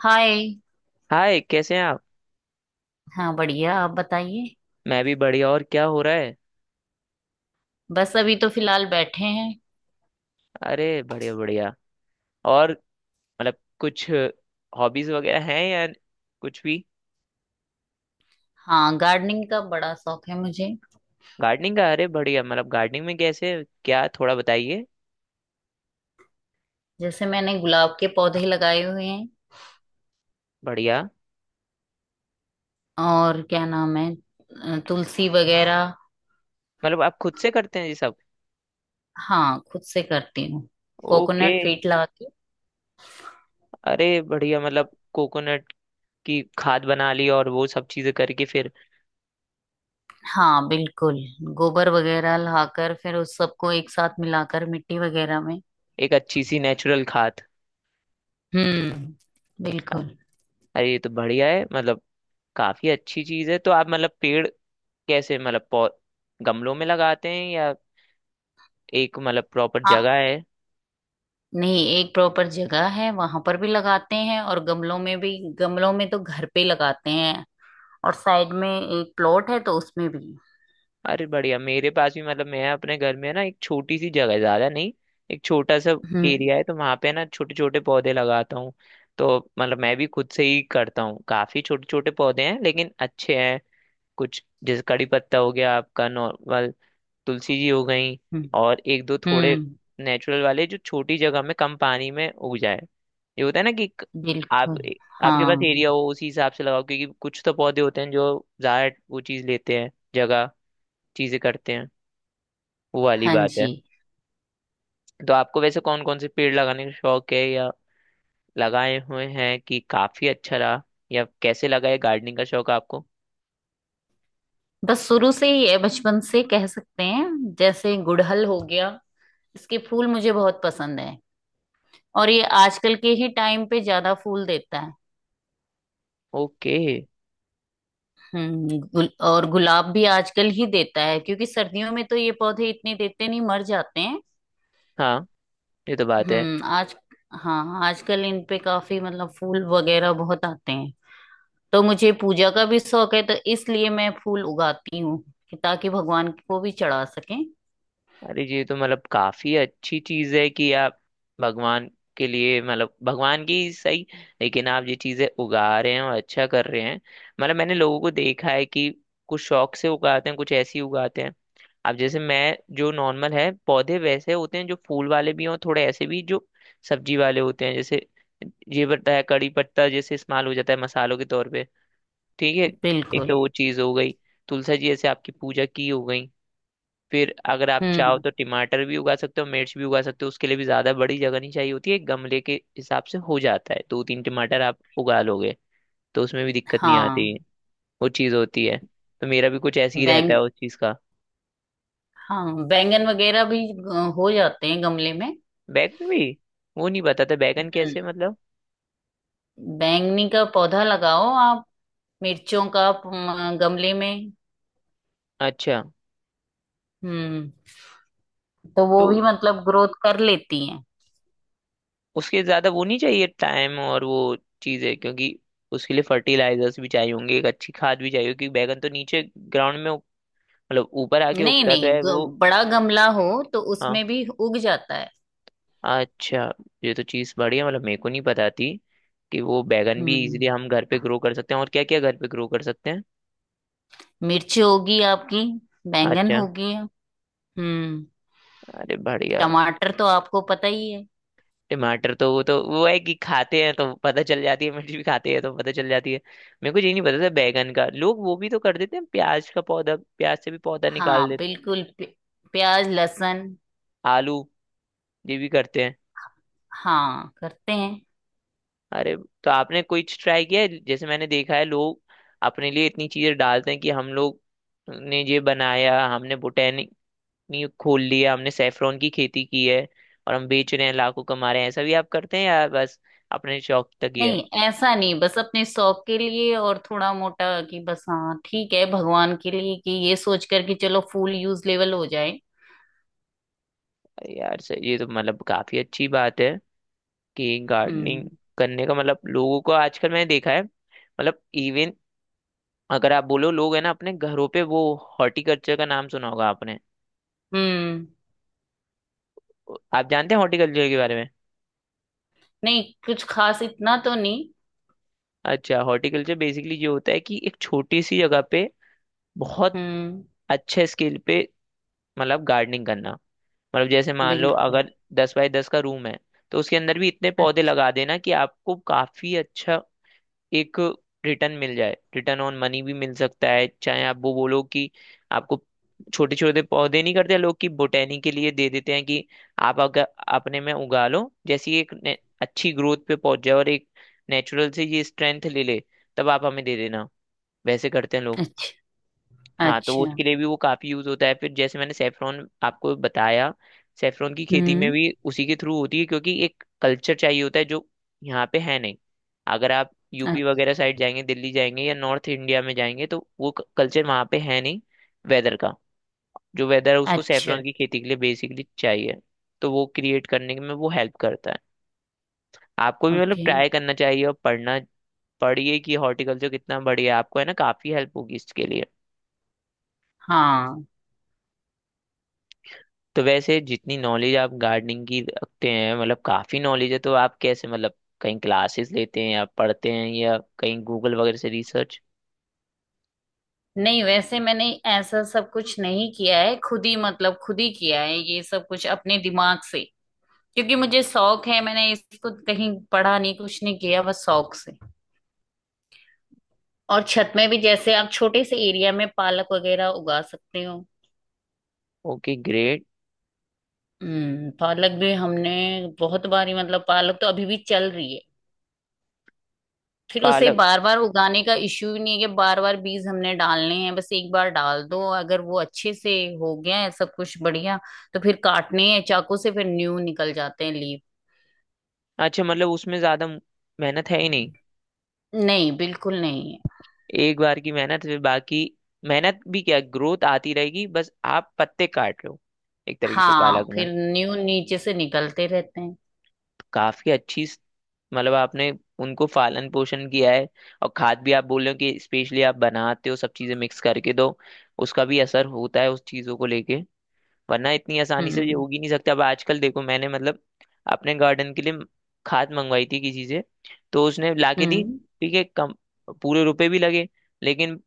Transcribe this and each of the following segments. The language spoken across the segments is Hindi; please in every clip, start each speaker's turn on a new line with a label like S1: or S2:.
S1: हाय।
S2: हाय, कैसे हैं आप?
S1: हाँ बढ़िया, आप बताइए।
S2: मैं भी बढ़िया। और क्या हो रहा है?
S1: बस अभी तो फिलहाल बैठे हैं।
S2: अरे बढ़िया बढ़िया। और मतलब कुछ हॉबीज वगैरह हैं या कुछ भी?
S1: हाँ, गार्डनिंग का बड़ा शौक है मुझे।
S2: गार्डनिंग का, अरे बढ़िया। मतलब गार्डनिंग में कैसे क्या, थोड़ा बताइए।
S1: जैसे मैंने गुलाब के पौधे लगाए हुए हैं।
S2: बढ़िया।
S1: और क्या नाम है तुलसी वगैरह।
S2: मतलब आप खुद से करते हैं ये सब?
S1: हाँ, खुद से करती हूँ।
S2: ओके।
S1: कोकोनट फीट लगा के।
S2: अरे बढ़िया मतलब कोकोनट की खाद बना ली और वो सब चीजें करके फिर।
S1: हाँ बिल्कुल। गोबर वगैरह लाकर फिर उस सबको एक साथ मिलाकर मिट्टी वगैरह में।
S2: एक अच्छी सी नेचुरल खाद।
S1: हम्म, बिल्कुल।
S2: अरे ये तो बढ़िया है। मतलब काफी अच्छी चीज है। तो आप मतलब पेड़ कैसे, मतलब गमलों में लगाते हैं या एक मतलब प्रॉपर
S1: हाँ।
S2: जगह है?
S1: नहीं, एक प्रॉपर जगह है, वहां पर भी लगाते हैं और गमलों में भी। गमलों में तो घर पे लगाते हैं और साइड में एक प्लॉट है तो उसमें भी।
S2: अरे बढ़िया। मेरे पास भी, मतलब मैं अपने घर में ना, एक छोटी सी जगह है, ज्यादा नहीं। एक छोटा सा
S1: हम्म।
S2: एरिया है, तो वहां पे ना छोटे छोटे पौधे लगाता हूँ। तो मतलब मैं भी खुद से ही करता हूँ। काफी छोटे छोटे पौधे हैं, लेकिन अच्छे हैं। कुछ जैसे कड़ी पत्ता हो गया, आपका नॉर्मल तुलसी जी हो गई,
S1: हम्म।
S2: और एक दो थोड़े
S1: हम्म,
S2: नेचुरल वाले, जो छोटी जगह में कम पानी में उग जाए। ये होता है ना कि आप
S1: बिल्कुल।
S2: आपके पास
S1: हाँ।
S2: एरिया हो उसी हिसाब से लगाओ, क्योंकि कुछ तो पौधे होते हैं जो ज्यादा वो चीज लेते हैं, जगह चीजें करते हैं। वो वाली
S1: हाँ
S2: बात है।
S1: जी।
S2: तो आपको वैसे कौन कौन से पेड़ लगाने का शौक है, या लगाए हुए हैं कि काफी अच्छा रहा, या कैसे लगा ये गार्डनिंग का शौक है आपको?
S1: बस शुरू से ही है, बचपन से कह सकते हैं। जैसे गुड़हल हो गया, इसके फूल मुझे बहुत पसंद है। और ये आजकल के ही टाइम पे ज्यादा फूल देता है।
S2: ओके।
S1: और गुलाब भी आजकल ही देता है, क्योंकि सर्दियों में तो ये पौधे इतने देते नहीं, मर जाते हैं।
S2: हाँ, ये तो बात है।
S1: आज हाँ, आजकल इन पे काफी मतलब फूल वगैरह बहुत आते हैं। तो मुझे पूजा का भी शौक है, तो इसलिए मैं फूल उगाती हूँ कि ताकि भगवान को भी चढ़ा सकें।
S2: अरे ये तो मतलब काफी अच्छी चीज है कि आप भगवान के लिए, मतलब भगवान की सही, लेकिन आप ये चीजें उगा रहे हैं और अच्छा कर रहे हैं। मतलब मैंने लोगों को देखा है कि कुछ शौक से उगाते हैं, कुछ ऐसे ही उगाते हैं। अब जैसे मैं, जो नॉर्मल है पौधे वैसे होते हैं, जो फूल वाले भी हों, थोड़े ऐसे भी जो सब्जी वाले होते हैं, जैसे ये पत्ता है, कड़ी पत्ता जैसे इस्तेमाल हो जाता है मसालों के तौर पे। ठीक है। एक
S1: बिल्कुल।
S2: तो वो चीज हो गई, तुलसी जी जैसे आपकी पूजा की हो गई, फिर अगर आप चाहो
S1: हम्म।
S2: तो टमाटर भी उगा सकते हो, मिर्च भी उगा सकते हो। उसके लिए भी ज्यादा बड़ी जगह नहीं चाहिए होती है, गमले के हिसाब से हो जाता है। दो तीन टमाटर आप उगा लोगे, तो उसमें भी दिक्कत नहीं आती।
S1: हाँ
S2: वो चीज़ होती है। तो मेरा भी कुछ ऐसे ही रहता
S1: बैंग
S2: है उस चीज़ का।
S1: हाँ, बैंगन वगैरह भी हो जाते हैं गमले में।
S2: बैगन भी? वो नहीं पता था, बैगन
S1: हम्म।
S2: कैसे मतलब।
S1: बैंगनी का पौधा लगाओ आप। मिर्चों का आप गमले में।
S2: अच्छा।
S1: हम्म। तो वो
S2: तो
S1: भी मतलब ग्रोथ कर लेती हैं।
S2: उसके ज्यादा वो नहीं चाहिए टाइम और वो चीज़ें, क्योंकि उसके लिए फर्टिलाइजर्स भी चाहिए होंगे, एक अच्छी खाद भी चाहिए होगी, क्योंकि बैगन तो नीचे ग्राउंड में मतलब ऊपर आके
S1: नहीं
S2: उगता तो
S1: नहीं
S2: है वो।
S1: बड़ा गमला हो तो
S2: हाँ।
S1: उसमें भी उग जाता है।
S2: अच्छा, ये तो चीज़ बढ़िया, मतलब मेरे को नहीं पता थी कि वो बैगन भी इजीली
S1: हम्म।
S2: हम घर पे ग्रो कर सकते हैं, और क्या क्या घर पे ग्रो कर सकते हैं।
S1: मिर्च होगी आपकी, बैंगन
S2: अच्छा।
S1: होगी। हम्म।
S2: अरे बढ़िया।
S1: टमाटर तो आपको पता ही है।
S2: टमाटर तो वो है कि खाते हैं तो पता चल जाती है, मिर्च भी खाते हैं तो पता चल जाती है। मेरे को ये नहीं पता था बैगन का। लोग वो भी तो कर देते हैं, प्याज का पौधा, प्याज से भी पौधा निकाल
S1: हाँ
S2: देते,
S1: बिल्कुल प्य- प्याज लहसुन।
S2: आलू ये भी करते हैं।
S1: हाँ, करते हैं।
S2: अरे। तो आपने कोई ट्राई किया है? जैसे मैंने देखा है, लोग अपने लिए इतनी चीजें डालते हैं कि हम लोग ने ये बनाया, हमने बोटेनिक कंपनी खोल ली है, हमने सेफ्रॉन की खेती की है और हम बेच रहे हैं, लाखों कमा रहे हैं। ऐसा भी आप करते हैं, यार बस अपने शौक तक ही है?
S1: नहीं ऐसा नहीं, बस अपने शौक के लिए, और थोड़ा मोटा कि बस, हाँ ठीक है, भगवान के लिए कि ये सोच कर कि चलो फूल यूज लेवल हो जाए।
S2: अरे यार सर, ये तो मतलब काफी अच्छी बात है कि गार्डनिंग
S1: हम्म।
S2: करने का, मतलब लोगों को आजकल मैंने देखा है, मतलब इवन अगर आप बोलो लोग है ना अपने घरों पे वो। हॉर्टिकल्चर का नाम सुना होगा आपने?
S1: हम्म।
S2: आप जानते हैं हॉर्टिकल्चर के बारे में?
S1: नहीं, कुछ खास इतना तो नहीं।
S2: अच्छा। हॉर्टिकल्चर बेसिकली ये होता है कि एक छोटी सी जगह पे बहुत
S1: हम्म।
S2: अच्छे स्केल पे मतलब गार्डनिंग करना। मतलब जैसे मान लो
S1: बिल्कुल।
S2: अगर 10 बाय 10 का रूम है, तो उसके अंदर भी इतने पौधे
S1: अच्छा,
S2: लगा देना कि आपको काफी अच्छा एक रिटर्न मिल जाए। रिटर्न ऑन मनी भी मिल सकता है। चाहे आप वो बोलो कि आपको छोटे छोटे पौधे नहीं करते लोग, कि बोटेनी के लिए दे देते हैं कि आप अगर अपने में उगा लो, जैसी एक अच्छी ग्रोथ पे पहुंच जाए और एक नेचुरल से ये स्ट्रेंथ ले ले, तब आप हमें दे देना। वैसे करते हैं लोग।
S1: अच्छा,
S2: हाँ, तो वो
S1: अच्छा।
S2: उसके लिए भी वो काफी यूज होता है। फिर जैसे मैंने सेफ्रॉन आपको बताया, सेफ्रॉन की खेती में
S1: हम्म।
S2: भी उसी के थ्रू होती है, क्योंकि एक कल्चर चाहिए होता है जो यहाँ पे है नहीं। अगर आप यूपी
S1: अ-
S2: वगैरह साइड जाएंगे, दिल्ली जाएंगे या नॉर्थ इंडिया में जाएंगे, तो वो कल्चर वहाँ पे है नहीं। वेदर का, जो वेदर है उसको
S1: अच्छा।
S2: सेफ्रॉन की खेती के लिए बेसिकली चाहिए, तो वो क्रिएट करने में वो हेल्प करता है। आपको भी मतलब
S1: ओके।
S2: ट्राई करना चाहिए और पढ़ना, पढ़िए कि हॉर्टिकल्चर कितना बढ़िया है। आपको है ना काफी हेल्प होगी इसके लिए।
S1: हाँ।
S2: तो वैसे जितनी नॉलेज आप गार्डनिंग की रखते हैं, मतलब काफी नॉलेज है। तो आप कैसे मतलब कहीं क्लासेस लेते हैं, या पढ़ते हैं, या कहीं गूगल वगैरह से रिसर्च?
S1: नहीं, वैसे मैंने ऐसा सब कुछ नहीं किया है, खुद ही मतलब खुद ही किया है ये सब कुछ अपने दिमाग से। क्योंकि मुझे शौक है, मैंने इसको कहीं पढ़ा नहीं, कुछ नहीं किया, बस शौक से। और छत में भी जैसे आप छोटे से एरिया में पालक वगैरह उगा सकते हो।
S2: Okay great.
S1: हम्म, पालक भी हमने बहुत बारी मतलब पालक तो अभी भी चल रही है। फिर उसे
S2: पालक।
S1: बार बार उगाने का इश्यू ही नहीं है कि बार बार बीज हमने डालने हैं, बस एक बार डाल दो, अगर वो अच्छे से हो गया है सब कुछ बढ़िया तो फिर काटने हैं चाकू से, फिर न्यू निकल जाते हैं लीव।
S2: अच्छा, मतलब उसमें ज्यादा मेहनत है ही नहीं।
S1: नहीं, बिल्कुल नहीं है।
S2: एक बार की मेहनत, फिर बाकी मेहनत भी क्या, ग्रोथ आती रहेगी, बस आप पत्ते काट लो, एक तरीके से पालक
S1: हाँ,
S2: में।
S1: फिर न्यू नीचे से निकलते रहते हैं।
S2: काफी अच्छी मतलब आपने उनको पालन पोषण किया है, और खाद भी आप बोल रहे हो कि स्पेशली आप बनाते हो सब चीजें मिक्स करके, तो उसका भी असर होता है उस चीजों को लेके। वरना इतनी आसानी से ये
S1: हम्म।
S2: उग ही नहीं सकता। अब आजकल देखो मैंने मतलब अपने गार्डन के लिए खाद मंगवाई थी किसी से, तो उसने लाके दी,
S1: हम्म।
S2: ठीक है, कम पूरे रुपए भी लगे, लेकिन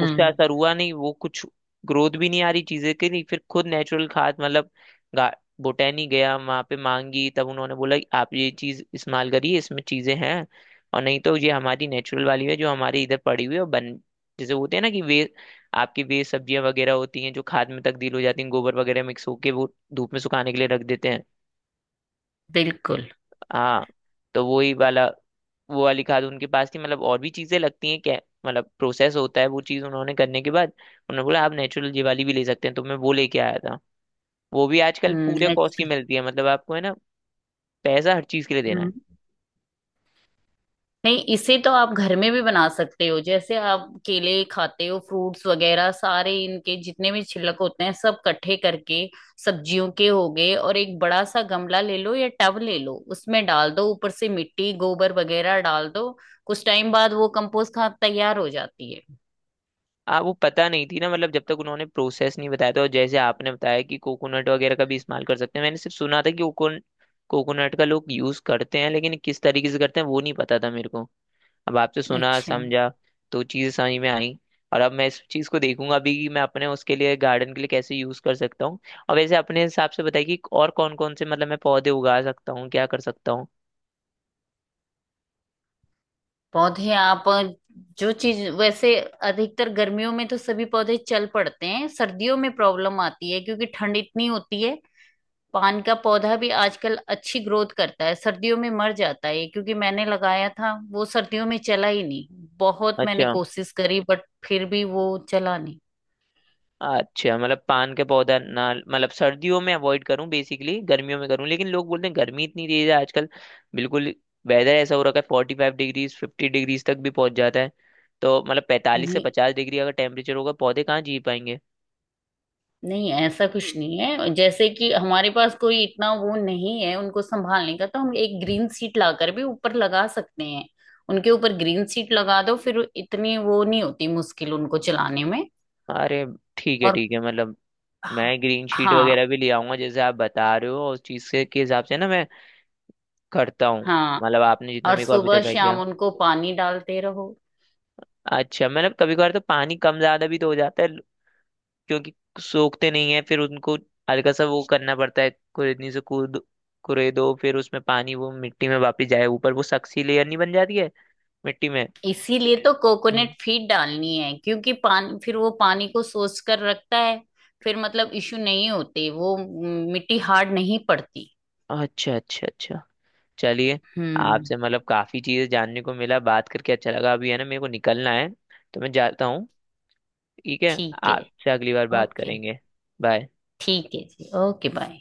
S2: उससे असर हुआ नहीं। वो कुछ ग्रोथ भी नहीं आ रही चीजें की नहीं। फिर खुद नेचुरल खाद, मतलब बोटैनी गया वहां पे, मांगी, तब उन्होंने बोला कि आप ये चीज इस्तेमाल करिए, इसमें चीजें हैं, और नहीं तो ये हमारी नेचुरल वाली है जो हमारे इधर पड़ी हुई है, और बन जैसे होते हैं ना कि वे आपकी वेस्ट सब्जियां वगैरह होती हैं जो खाद में तब्दील हो जाती हैं, गोबर वगैरह मिक्स होके वो धूप में सुखाने के लिए रख देते हैं।
S1: बिल्कुल।
S2: हाँ। तो वही वाला, वो वाली खाद उनके पास थी। मतलब और भी चीजें लगती हैं क्या, मतलब प्रोसेस होता है वो चीज़? उन्होंने करने के बाद उन्होंने बोला, आप नेचुरल ये वाली भी ले सकते हैं, तो मैं वो लेके आया था। वो भी आजकल पूरे
S1: हम्म।
S2: कॉस्ट की
S1: अच्छा।
S2: मिलती है, मतलब आपको है ना, पैसा हर चीज के लिए देना है।
S1: हम्म। नहीं, इसे तो आप घर में भी बना सकते हो। जैसे आप केले खाते हो, फ्रूट्स वगैरह, सारे इनके जितने भी छिलक होते हैं सब इकट्ठे करके, सब्जियों के हो गए, और एक बड़ा सा गमला ले लो या टब ले लो, उसमें डाल दो, ऊपर से मिट्टी गोबर वगैरह डाल दो। कुछ टाइम बाद वो कंपोस्ट खाद तैयार हो जाती है।
S2: वो पता नहीं थी ना, मतलब जब तक उन्होंने प्रोसेस नहीं बताया था, और जैसे आपने बताया कि कोकोनट वगैरह का भी इस्तेमाल कर सकते हैं, मैंने सिर्फ सुना था कि कोकोनट का लोग यूज करते हैं, लेकिन किस तरीके से करते हैं वो नहीं पता था मेरे को। अब आपसे सुना,
S1: अच्छा।
S2: समझा, तो चीज़ें समझ में आई। और अब मैं इस चीज़ को देखूंगा अभी कि मैं अपने उसके लिए, गार्डन के लिए कैसे यूज कर सकता हूँ। और वैसे अपने हिसाब से बताइए कि और कौन कौन से मतलब मैं पौधे उगा सकता हूँ, क्या कर सकता हूँ।
S1: पौधे आप जो चीज वैसे अधिकतर गर्मियों में तो सभी पौधे चल पड़ते हैं, सर्दियों में प्रॉब्लम आती है क्योंकि ठंड इतनी होती है। पान का पौधा भी आजकल अच्छी ग्रोथ करता है, सर्दियों में मर जाता है ये, क्योंकि मैंने लगाया था, वो सर्दियों में चला ही नहीं। बहुत मैंने
S2: अच्छा।
S1: कोशिश करी बट फिर भी वो चला नहीं।
S2: अच्छा, मतलब पान के पौधा ना, मतलब सर्दियों में अवॉइड करूं, बेसिकली गर्मियों में करूं। लेकिन लोग बोलते हैं गर्मी इतनी तेज है आजकल, बिल्कुल, वेदर ऐसा हो रखा है, 45 डिग्रीज 50 डिग्रीज तक भी पहुंच जाता है। तो मतलब पैंतालीस से
S1: नहीं
S2: पचास डिग्री अगर टेम्परेचर होगा, पौधे कहाँ जी पाएंगे?
S1: नहीं, ऐसा कुछ नहीं है, जैसे कि हमारे पास कोई इतना वो नहीं है उनको संभालने का, तो हम एक ग्रीन सीट लाकर भी ऊपर लगा सकते हैं। उनके ऊपर ग्रीन सीट लगा दो, फिर इतनी वो नहीं होती मुश्किल उनको चलाने में।
S2: अरे ठीक है
S1: और
S2: ठीक है। मतलब मैं
S1: हाँ।
S2: ग्रीन शीट
S1: हाँ।
S2: वगैरह भी ले आऊंगा, जैसे आप बता रहे हो, और उस चीज से के हिसाब से ना मैं करता हूँ।
S1: हाँ।
S2: मतलब आपने जितना
S1: और
S2: मेरे को अभी
S1: सुबह
S2: तक आइडिया।
S1: शाम उनको पानी डालते रहो।
S2: अच्छा, मतलब कभी कभार तो पानी कम ज्यादा भी तो हो जाता है, क्योंकि सोखते नहीं है फिर उनको। हल्का सा वो करना पड़ता है, कुरेदनी से कूद कुरे दो, फिर उसमें पानी वो मिट्टी में वापस जाए, ऊपर वो सख्सी लेयर नहीं बन जाती है मिट्टी में।
S1: इसीलिए तो कोकोनट
S2: हम्म।
S1: फीड डालनी है, क्योंकि पान फिर वो पानी को सोख कर रखता है। फिर मतलब इशू नहीं होते वो, मिट्टी हार्ड नहीं पड़ती।
S2: अच्छा अच्छा अच्छा। चलिए,
S1: हम्म।
S2: आपसे मतलब काफी चीजें जानने को मिला, बात करके अच्छा लगा। अभी है ना मेरे को निकलना है, तो मैं जाता हूँ। ठीक है,
S1: ठीक है।
S2: आपसे अगली बार बात
S1: ओके।
S2: करेंगे। बाय।
S1: ठीक है जी, ओके, बाय।